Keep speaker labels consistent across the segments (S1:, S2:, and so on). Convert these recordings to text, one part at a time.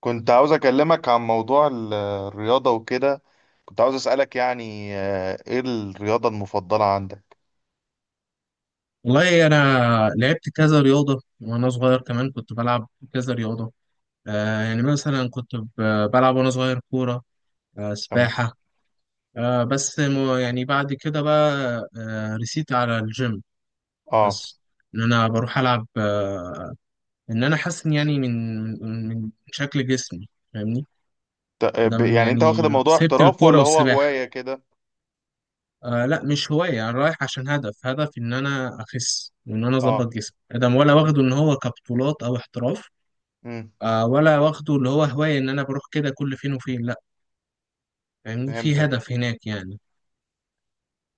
S1: كنت عاوز أكلمك عن موضوع الرياضة وكده. كنت عاوز أسألك، يعني إيه الرياضة المفضلة عندك؟
S2: والله أنا لعبت كذا رياضة وأنا صغير كمان كنت بلعب كذا رياضة. يعني مثلا كنت بلعب وأنا صغير كورة،
S1: تمام.
S2: سباحة. بس يعني بعد كده بقى رسيت على الجيم،
S1: آه
S2: بس إن أنا بروح ألعب إن أنا حاسس إن يعني من شكل جسمي، فاهمني؟ أدم
S1: يعني أنت
S2: يعني
S1: واخد الموضوع
S2: سبت
S1: احتراف
S2: الكورة
S1: ولا هو
S2: والسباحة.
S1: هواية كده؟
S2: آه، لا، مش هواية، أنا رايح عشان هدف، هدف إن أنا أخس وإن أنا
S1: آه.
S2: أظبط جسمي أدم، ولا واخده إن هو كبطولات أو احتراف.
S1: مم.
S2: ولا واخده اللي هو هواية إن أنا بروح كده كل فين وفين، لأ. يعني في
S1: فهمتك.
S2: هدف هناك يعني.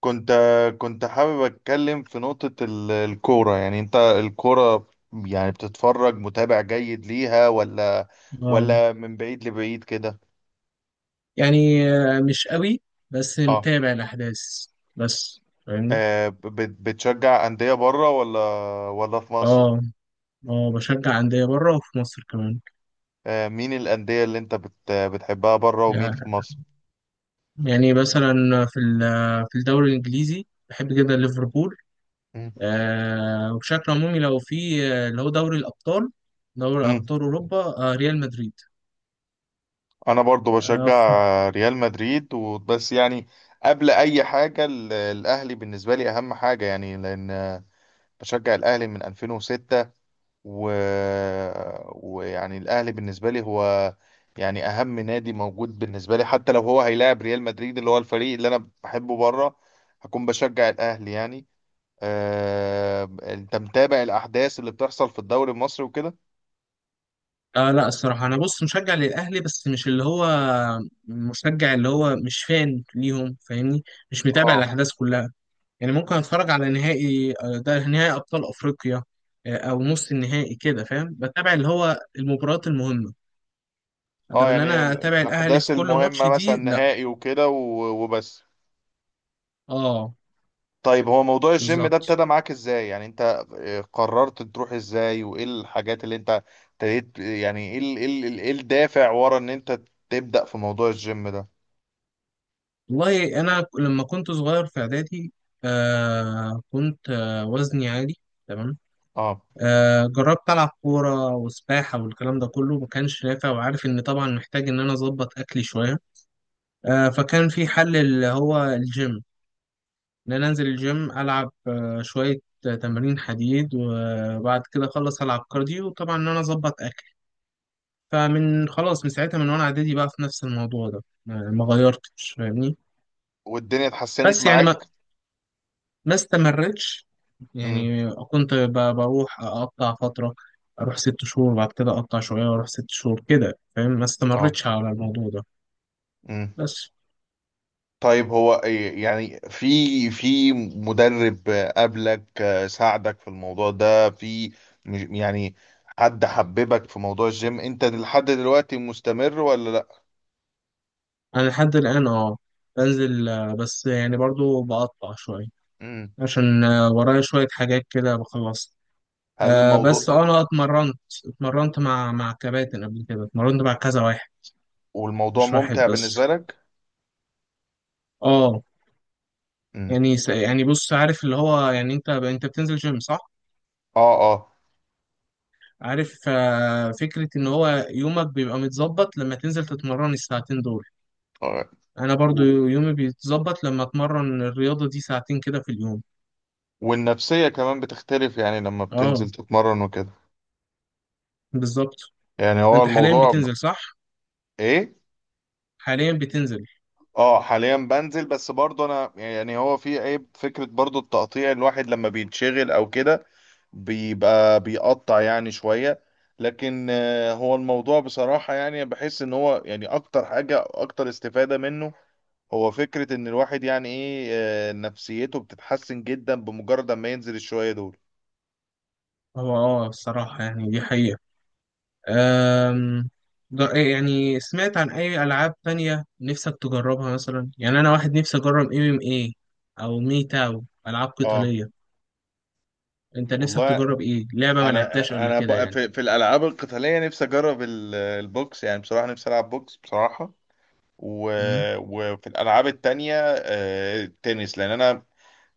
S1: كنت حابب أتكلم في نقطة الكورة. يعني أنت الكورة، يعني بتتفرج، متابع جيد ليها، ولا
S2: آه
S1: ولا من بعيد لبعيد كده؟
S2: يعني مش قوي، بس
S1: آه.
S2: متابع الأحداث، بس فاهمني.
S1: بتشجع أندية بره ولا في مصر؟
S2: آه، آه، بشجع أندية بره وفي مصر كمان.
S1: مين الأندية اللي أنت بتحبها بره، ومين
S2: يعني
S1: في مصر؟
S2: يعني مثلا، في الدوري الإنجليزي بحب جدا ليفربول.
S1: مم.
S2: وبشكل عمومي لو في اللي هو دوري الأبطال، دوري
S1: مم.
S2: أبطال أوروبا ريال مدريد.
S1: أنا برضو
S2: آه،
S1: بشجع ريال مدريد، وبس يعني. قبل أي حاجة، الأهلي بالنسبة لي أهم حاجة، يعني لأن بشجع الأهلي من 2006، و... ويعني الأهلي بالنسبة لي هو، يعني أهم نادي موجود بالنسبة لي. حتى لو هو هيلاعب ريال مدريد، اللي هو الفريق اللي أنا بحبه بره، هكون بشجع الأهلي يعني. أنت متابع الأحداث اللي بتحصل في الدوري المصري وكده؟
S2: آه، لا، الصراحة أنا بص مشجع للأهلي، بس مش اللي هو مشجع، اللي هو مش فان ليهم، فاهمني، مش متابع
S1: اه،
S2: الأحداث كلها. يعني ممكن أتفرج على نهائي، ده نهائي أبطال أفريقيا، أو نص النهائي كده، فاهم، بتابع اللي هو المباريات المهمة،
S1: اه.
S2: أدم إن
S1: يعني
S2: أنا أتابع الأهلي
S1: الاحداث
S2: في كل ماتش
S1: المهمه، مثلا
S2: دي، لا.
S1: نهائي وكده، وبس.
S2: آه،
S1: طيب، هو موضوع الجيم ده
S2: بالظبط.
S1: ابتدى معاك ازاي؟ يعني انت، قررت تروح ازاي، وايه الحاجات اللي انت ابتديت؟ يعني ايه الدافع ورا ان انت تبدأ في موضوع الجيم ده؟
S2: والله أنا لما كنت صغير في إعدادي كنت وزني عالي. تمام.
S1: اه.
S2: جربت ألعب كورة وسباحة والكلام ده كله، ما كانش نافع، وعارف إن طبعا محتاج إن أنا أظبط أكلي شوية. فكان في حل اللي هو الجيم، إن أنا أنزل الجيم ألعب شوية تمارين حديد، وبعد كده أخلص ألعب كارديو، وطبعا إن أنا أظبط أكلي. فمن خلاص من ساعتها، من وأنا إعدادي بقى في نفس الموضوع ده ما غيرتش، فاهمني.
S1: والدنيا اتحسنت
S2: بس يعني ما
S1: معاك؟
S2: ما استمرتش.
S1: امم.
S2: يعني كنت بروح اقطع فتره، اروح 6 شهور بعد كده اقطع شويه، واروح 6 شهور كده، فاهم، ما استمرتش على الموضوع ده.
S1: اه.
S2: بس
S1: طيب، هو إيه، يعني في مدرب قبلك ساعدك في الموضوع ده؟ في، يعني حد حببك في موضوع الجيم؟ انت لحد دلوقتي مستمر ولا لا؟
S2: انا لحد الان بنزل، بس يعني برضو بقطع شويه
S1: مم.
S2: عشان ورايا شويه حاجات كده بخلصها.
S1: هل
S2: آه بس
S1: الموضوع،
S2: آه، انا اتمرنت، اتمرنت مع كباتن، قبل كده اتمرنت مع كذا واحد،
S1: والموضوع
S2: مش واحد
S1: ممتع
S2: بس.
S1: بالنسبة لك؟
S2: اه،
S1: مم.
S2: يعني يعني بص، عارف اللي هو، يعني انت بتنزل جيم، صح؟
S1: اه، اه.
S2: عارف فكرة إن هو يومك بيبقى متظبط لما تنزل تتمرن الساعتين دول،
S1: آه.
S2: أنا برضو
S1: و-
S2: يومي بيتظبط لما أتمرن الرياضة دي ساعتين كده في اليوم.
S1: والنفسية كمان بتختلف، يعني لما
S2: آه،
S1: بتنزل تتمرن وكده.
S2: بالظبط.
S1: يعني هو
S2: أنت حاليا
S1: الموضوع
S2: بتنزل، صح؟
S1: ايه.
S2: حاليا بتنزل.
S1: اه، حاليا بنزل، بس برضه انا يعني هو في عيب، فكرة برضه التقطيع. الواحد لما بيتشغل او كده بيبقى بيقطع يعني شوية. لكن هو الموضوع بصراحة، يعني بحس ان هو، يعني اكتر حاجة اكتر استفادة منه، هو فكرة ان الواحد، يعني ايه، نفسيته بتتحسن جدا بمجرد ما ينزل الشوية دول.
S2: هو الصراحة يعني دي حقيقة. أم... يعني سمعت عن أي ألعاب تانية نفسك تجربها، مثلا يعني أنا واحد نفسي أجرب ام ام ايه، أو مي تاو، ألعاب
S1: اه.
S2: قتالية. أنت نفسك
S1: والله،
S2: تجرب إيه؟ لعبة ما
S1: انا
S2: لعبتهاش قبل
S1: انا
S2: كده
S1: بقى،
S2: يعني.
S1: في الالعاب القتالية نفسي اجرب البوكس يعني، بصراحة نفسي العب بوكس بصراحة. و...
S2: مم.
S1: وفي الالعاب التانية، التنس. لان انا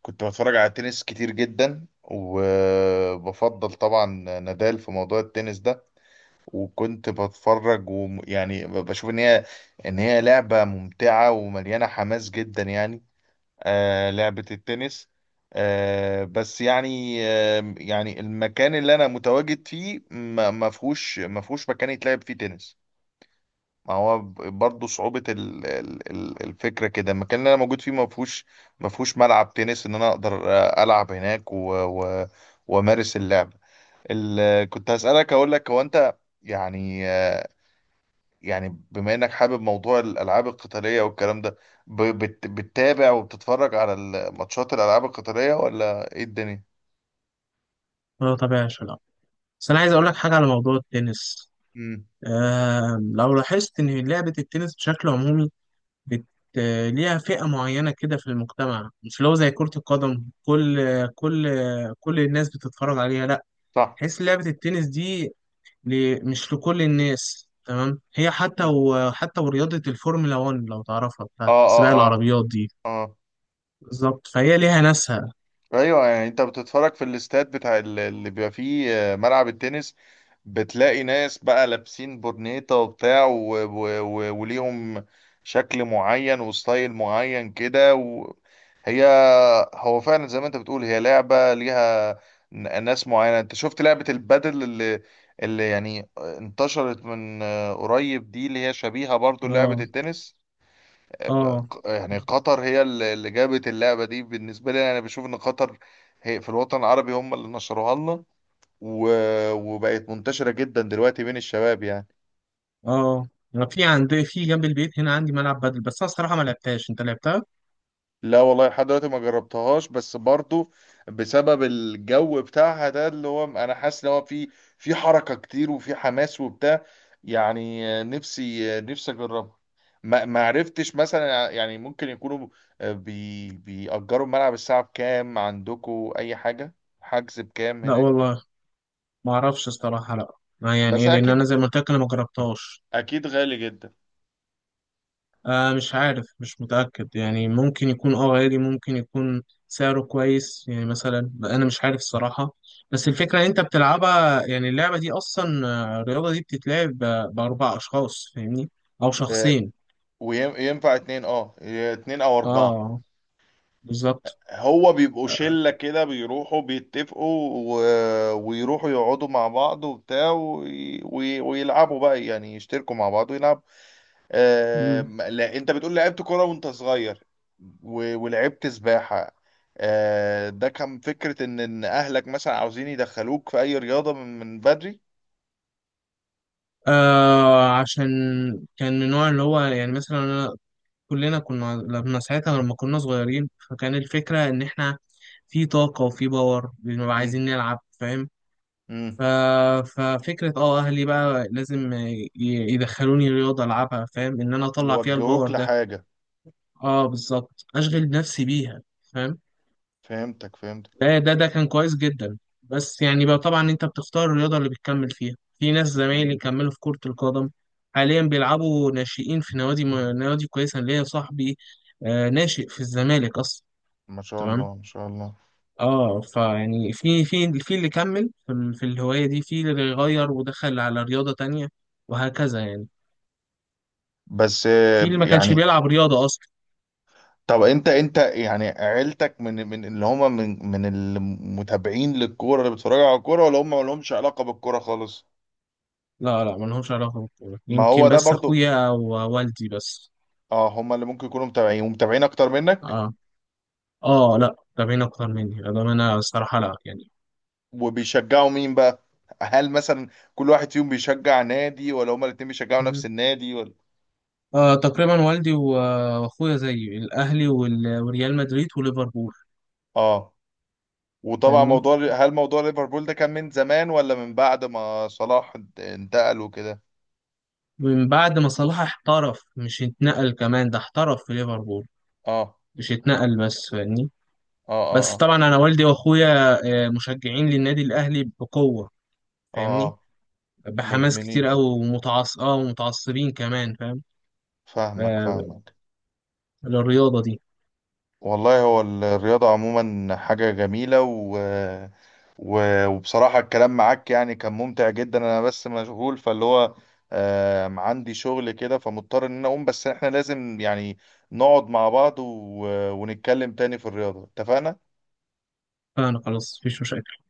S1: كنت بتفرج على التنس كتير جدا، وبفضل طبعا نادال في موضوع التنس ده، وكنت بتفرج، ويعني بشوف ان هي لعبة ممتعة ومليانة حماس جدا يعني، لعبة التنس. بس يعني، يعني المكان اللي انا متواجد فيه، ما فيهوش مكان يتلعب فيه تنس. ما هو برضه صعوبة الفكرة كده. المكان اللي أنا موجود فيه ما فيهوش ملعب تنس إن أنا أقدر ألعب هناك وأمارس اللعب. كنت هسألك، أقول لك هو أنت يعني، يعني بما إنك حابب موضوع الألعاب القتالية والكلام ده، بتتابع وبتتفرج على الماتشات، الألعاب القتالية، ولا إيه الدنيا؟
S2: اه، طبعا، بس أنا عايز أقول لك حاجة على موضوع التنس.
S1: امم.
S2: لو لاحظت إن لعبة التنس بشكل عمومي بت... ليها فئة معينة كده في المجتمع، مش لو زي كرة القدم كل كل الناس بتتفرج عليها، لا،
S1: صح.
S2: تحس لعبة التنس دي مش لكل الناس، تمام، هي حتى
S1: مم.
S2: حتى ورياضة الفورمولا 1 لو تعرفها، بتاعت
S1: اه،
S2: سباق
S1: اه، اه،
S2: العربيات دي،
S1: اه.
S2: بالظبط، فهي ليها ناسها.
S1: ايوه، يعني انت بتتفرج في الاستاد بتاع اللي بيبقى فيه ملعب التنس، بتلاقي ناس بقى لابسين برنيطة وبتاع، وليهم شكل معين وستايل معين كده، هي هو فعلا زي ما انت بتقول، هي لعبة ليها ناس معينة. انت شفت لعبة البادل اللي يعني انتشرت من قريب دي، اللي هي شبيهة برضو لعبة
S2: اه،
S1: التنس؟
S2: اه،
S1: يعني قطر هي اللي جابت اللعبة دي، بالنسبة لي أنا بشوف إن قطر هي في الوطن العربي هم اللي نشروها لنا، وبقت منتشرة جدا دلوقتي بين الشباب يعني.
S2: اه. انا في عندي في جنب البيت هنا، عندي ملعب بدل، بس انا الصراحه ما لعبتهاش، انت لعبتها؟
S1: لا والله، لحد دلوقتي ما جربتهاش، بس برضو بسبب الجو بتاعها ده اللي هو، انا حاسس ان هو في حركة كتير وفي حماس وبتاع، يعني نفسي نفسي اجربها. ما عرفتش مثلا، يعني ممكن يكونوا بيأجروا الملعب الساعة بكام عندكم، اي حاجة، حجز بكام
S2: لا
S1: هناك؟
S2: والله، ما اعرفش الصراحه، لا، ما يعني
S1: بس
S2: ايه، لان
S1: اكيد،
S2: انا زي ما قلت لك، انا ما جربتهاش.
S1: اكيد غالي جدا.
S2: مش عارف، مش متاكد، يعني ممكن يكون غالي، ممكن يكون سعره كويس يعني، مثلا انا مش عارف الصراحه، بس الفكره إن انت بتلعبها، يعني اللعبه دي اصلا الرياضه دي بتتلعب باربع اشخاص، فاهمني، او
S1: آه،
S2: شخصين.
S1: وينفع اتنين؟ اه اتنين او اربعة؟
S2: اه، بالظبط.
S1: هو بيبقوا
S2: آه.
S1: شلة كده، بيروحوا بيتفقوا، و... ويروحوا يقعدوا مع بعض وبتاع، ويلعبوا بقى، يعني يشتركوا مع بعض ويلعبوا.
S2: مم.
S1: لا، انت بتقول لعبت كرة وانت صغير ولعبت سباحة. ده كان فكرة إن اهلك مثلا عاوزين يدخلوك في اي رياضة من بدري؟
S2: عشان كان من النوع اللي هو يعني، مثلا أنا كلنا كنا لما ساعتها لما كنا صغيرين، فكان الفكرة إن إحنا في طاقة وفي باور، بنبقى
S1: مم.
S2: عايزين نلعب، فاهم.
S1: مم.
S2: ف... ففكرة أهلي بقى لازم يدخلوني رياضة ألعبها، فاهم إن أنا أطلع فيها
S1: يوجهوك
S2: الباور ده.
S1: لحاجة.
S2: اه، بالظبط، أشغل نفسي بيها، فاهم.
S1: فهمتك، فهمتك.
S2: ده كان كويس جدا، بس يعني بقى طبعا انت بتختار الرياضة اللي بتكمل فيها، في ناس زمايلي كملوا في كرة القدم، حاليا بيلعبوا ناشئين في نوادي، نوادي كويسة، ليا صاحبي ناشئ في الزمالك اصلا.
S1: ما شاء
S2: تمام.
S1: الله، ما شاء الله.
S2: اه فيعني في اللي كمل في، في الهواية دي، في اللي غير ودخل على رياضة تانية، وهكذا يعني.
S1: بس
S2: في اللي ما كانش
S1: يعني،
S2: بيلعب رياضة اصلا.
S1: طب انت يعني عيلتك من اللي هم، من المتابعين للكوره، اللي بيتفرجوا على الكوره، ولا هم ما لهمش علاقه بالكوره خالص؟
S2: لا، لا، ما لهمش علاقة بالكورة،
S1: ما هو
S2: يمكن
S1: ده
S2: بس
S1: برضو.
S2: اخويا او والدي بس.
S1: اه، هم اللي ممكن يكونوا متابعين، ومتابعين اكتر منك.
S2: اه، اه، لا، تابعين اكتر مني ده، انا الصراحه لا يعني.
S1: وبيشجعوا مين بقى؟ هل مثلا كل واحد فيهم بيشجع نادي، ولا هم الاتنين بيشجعوا نفس
S2: مم.
S1: النادي، ولا؟
S2: تقريبا والدي واخويا زيي، الاهلي وريال مدريد وليفربول،
S1: اه. وطبعا
S2: فاهمني.
S1: موضوع ليفربول ده، كان من زمان ولا من بعد ما صلاح انتقل وكده؟
S2: من بعد ما صلاح احترف، مش اتنقل، كمان ده احترف في ليفربول،
S1: اه،
S2: مش اتنقل بس، فاهمني.
S1: اه، اه،
S2: بس
S1: اه.
S2: طبعا انا والدي واخويا مشجعين للنادي الاهلي بقوه، فاهمني،
S1: آه.
S2: بحماس كتير
S1: مدمنين.
S2: قوي ومتعصبين كمان، فاهم،
S1: فاهمك،
S2: آه
S1: فاهمك.
S2: للرياضه دي.
S1: والله، هو الرياضة عموما حاجة جميلة، وبصراحة الكلام معاك يعني كان ممتع جدا. أنا بس مشغول، فاللي هو عندي شغل كده، فمضطر إن أنا أقوم، بس إحنا لازم يعني نقعد مع بعض، ونتكلم تاني في الرياضة، اتفقنا؟
S2: فانا خلاص، مفيش مشاكل.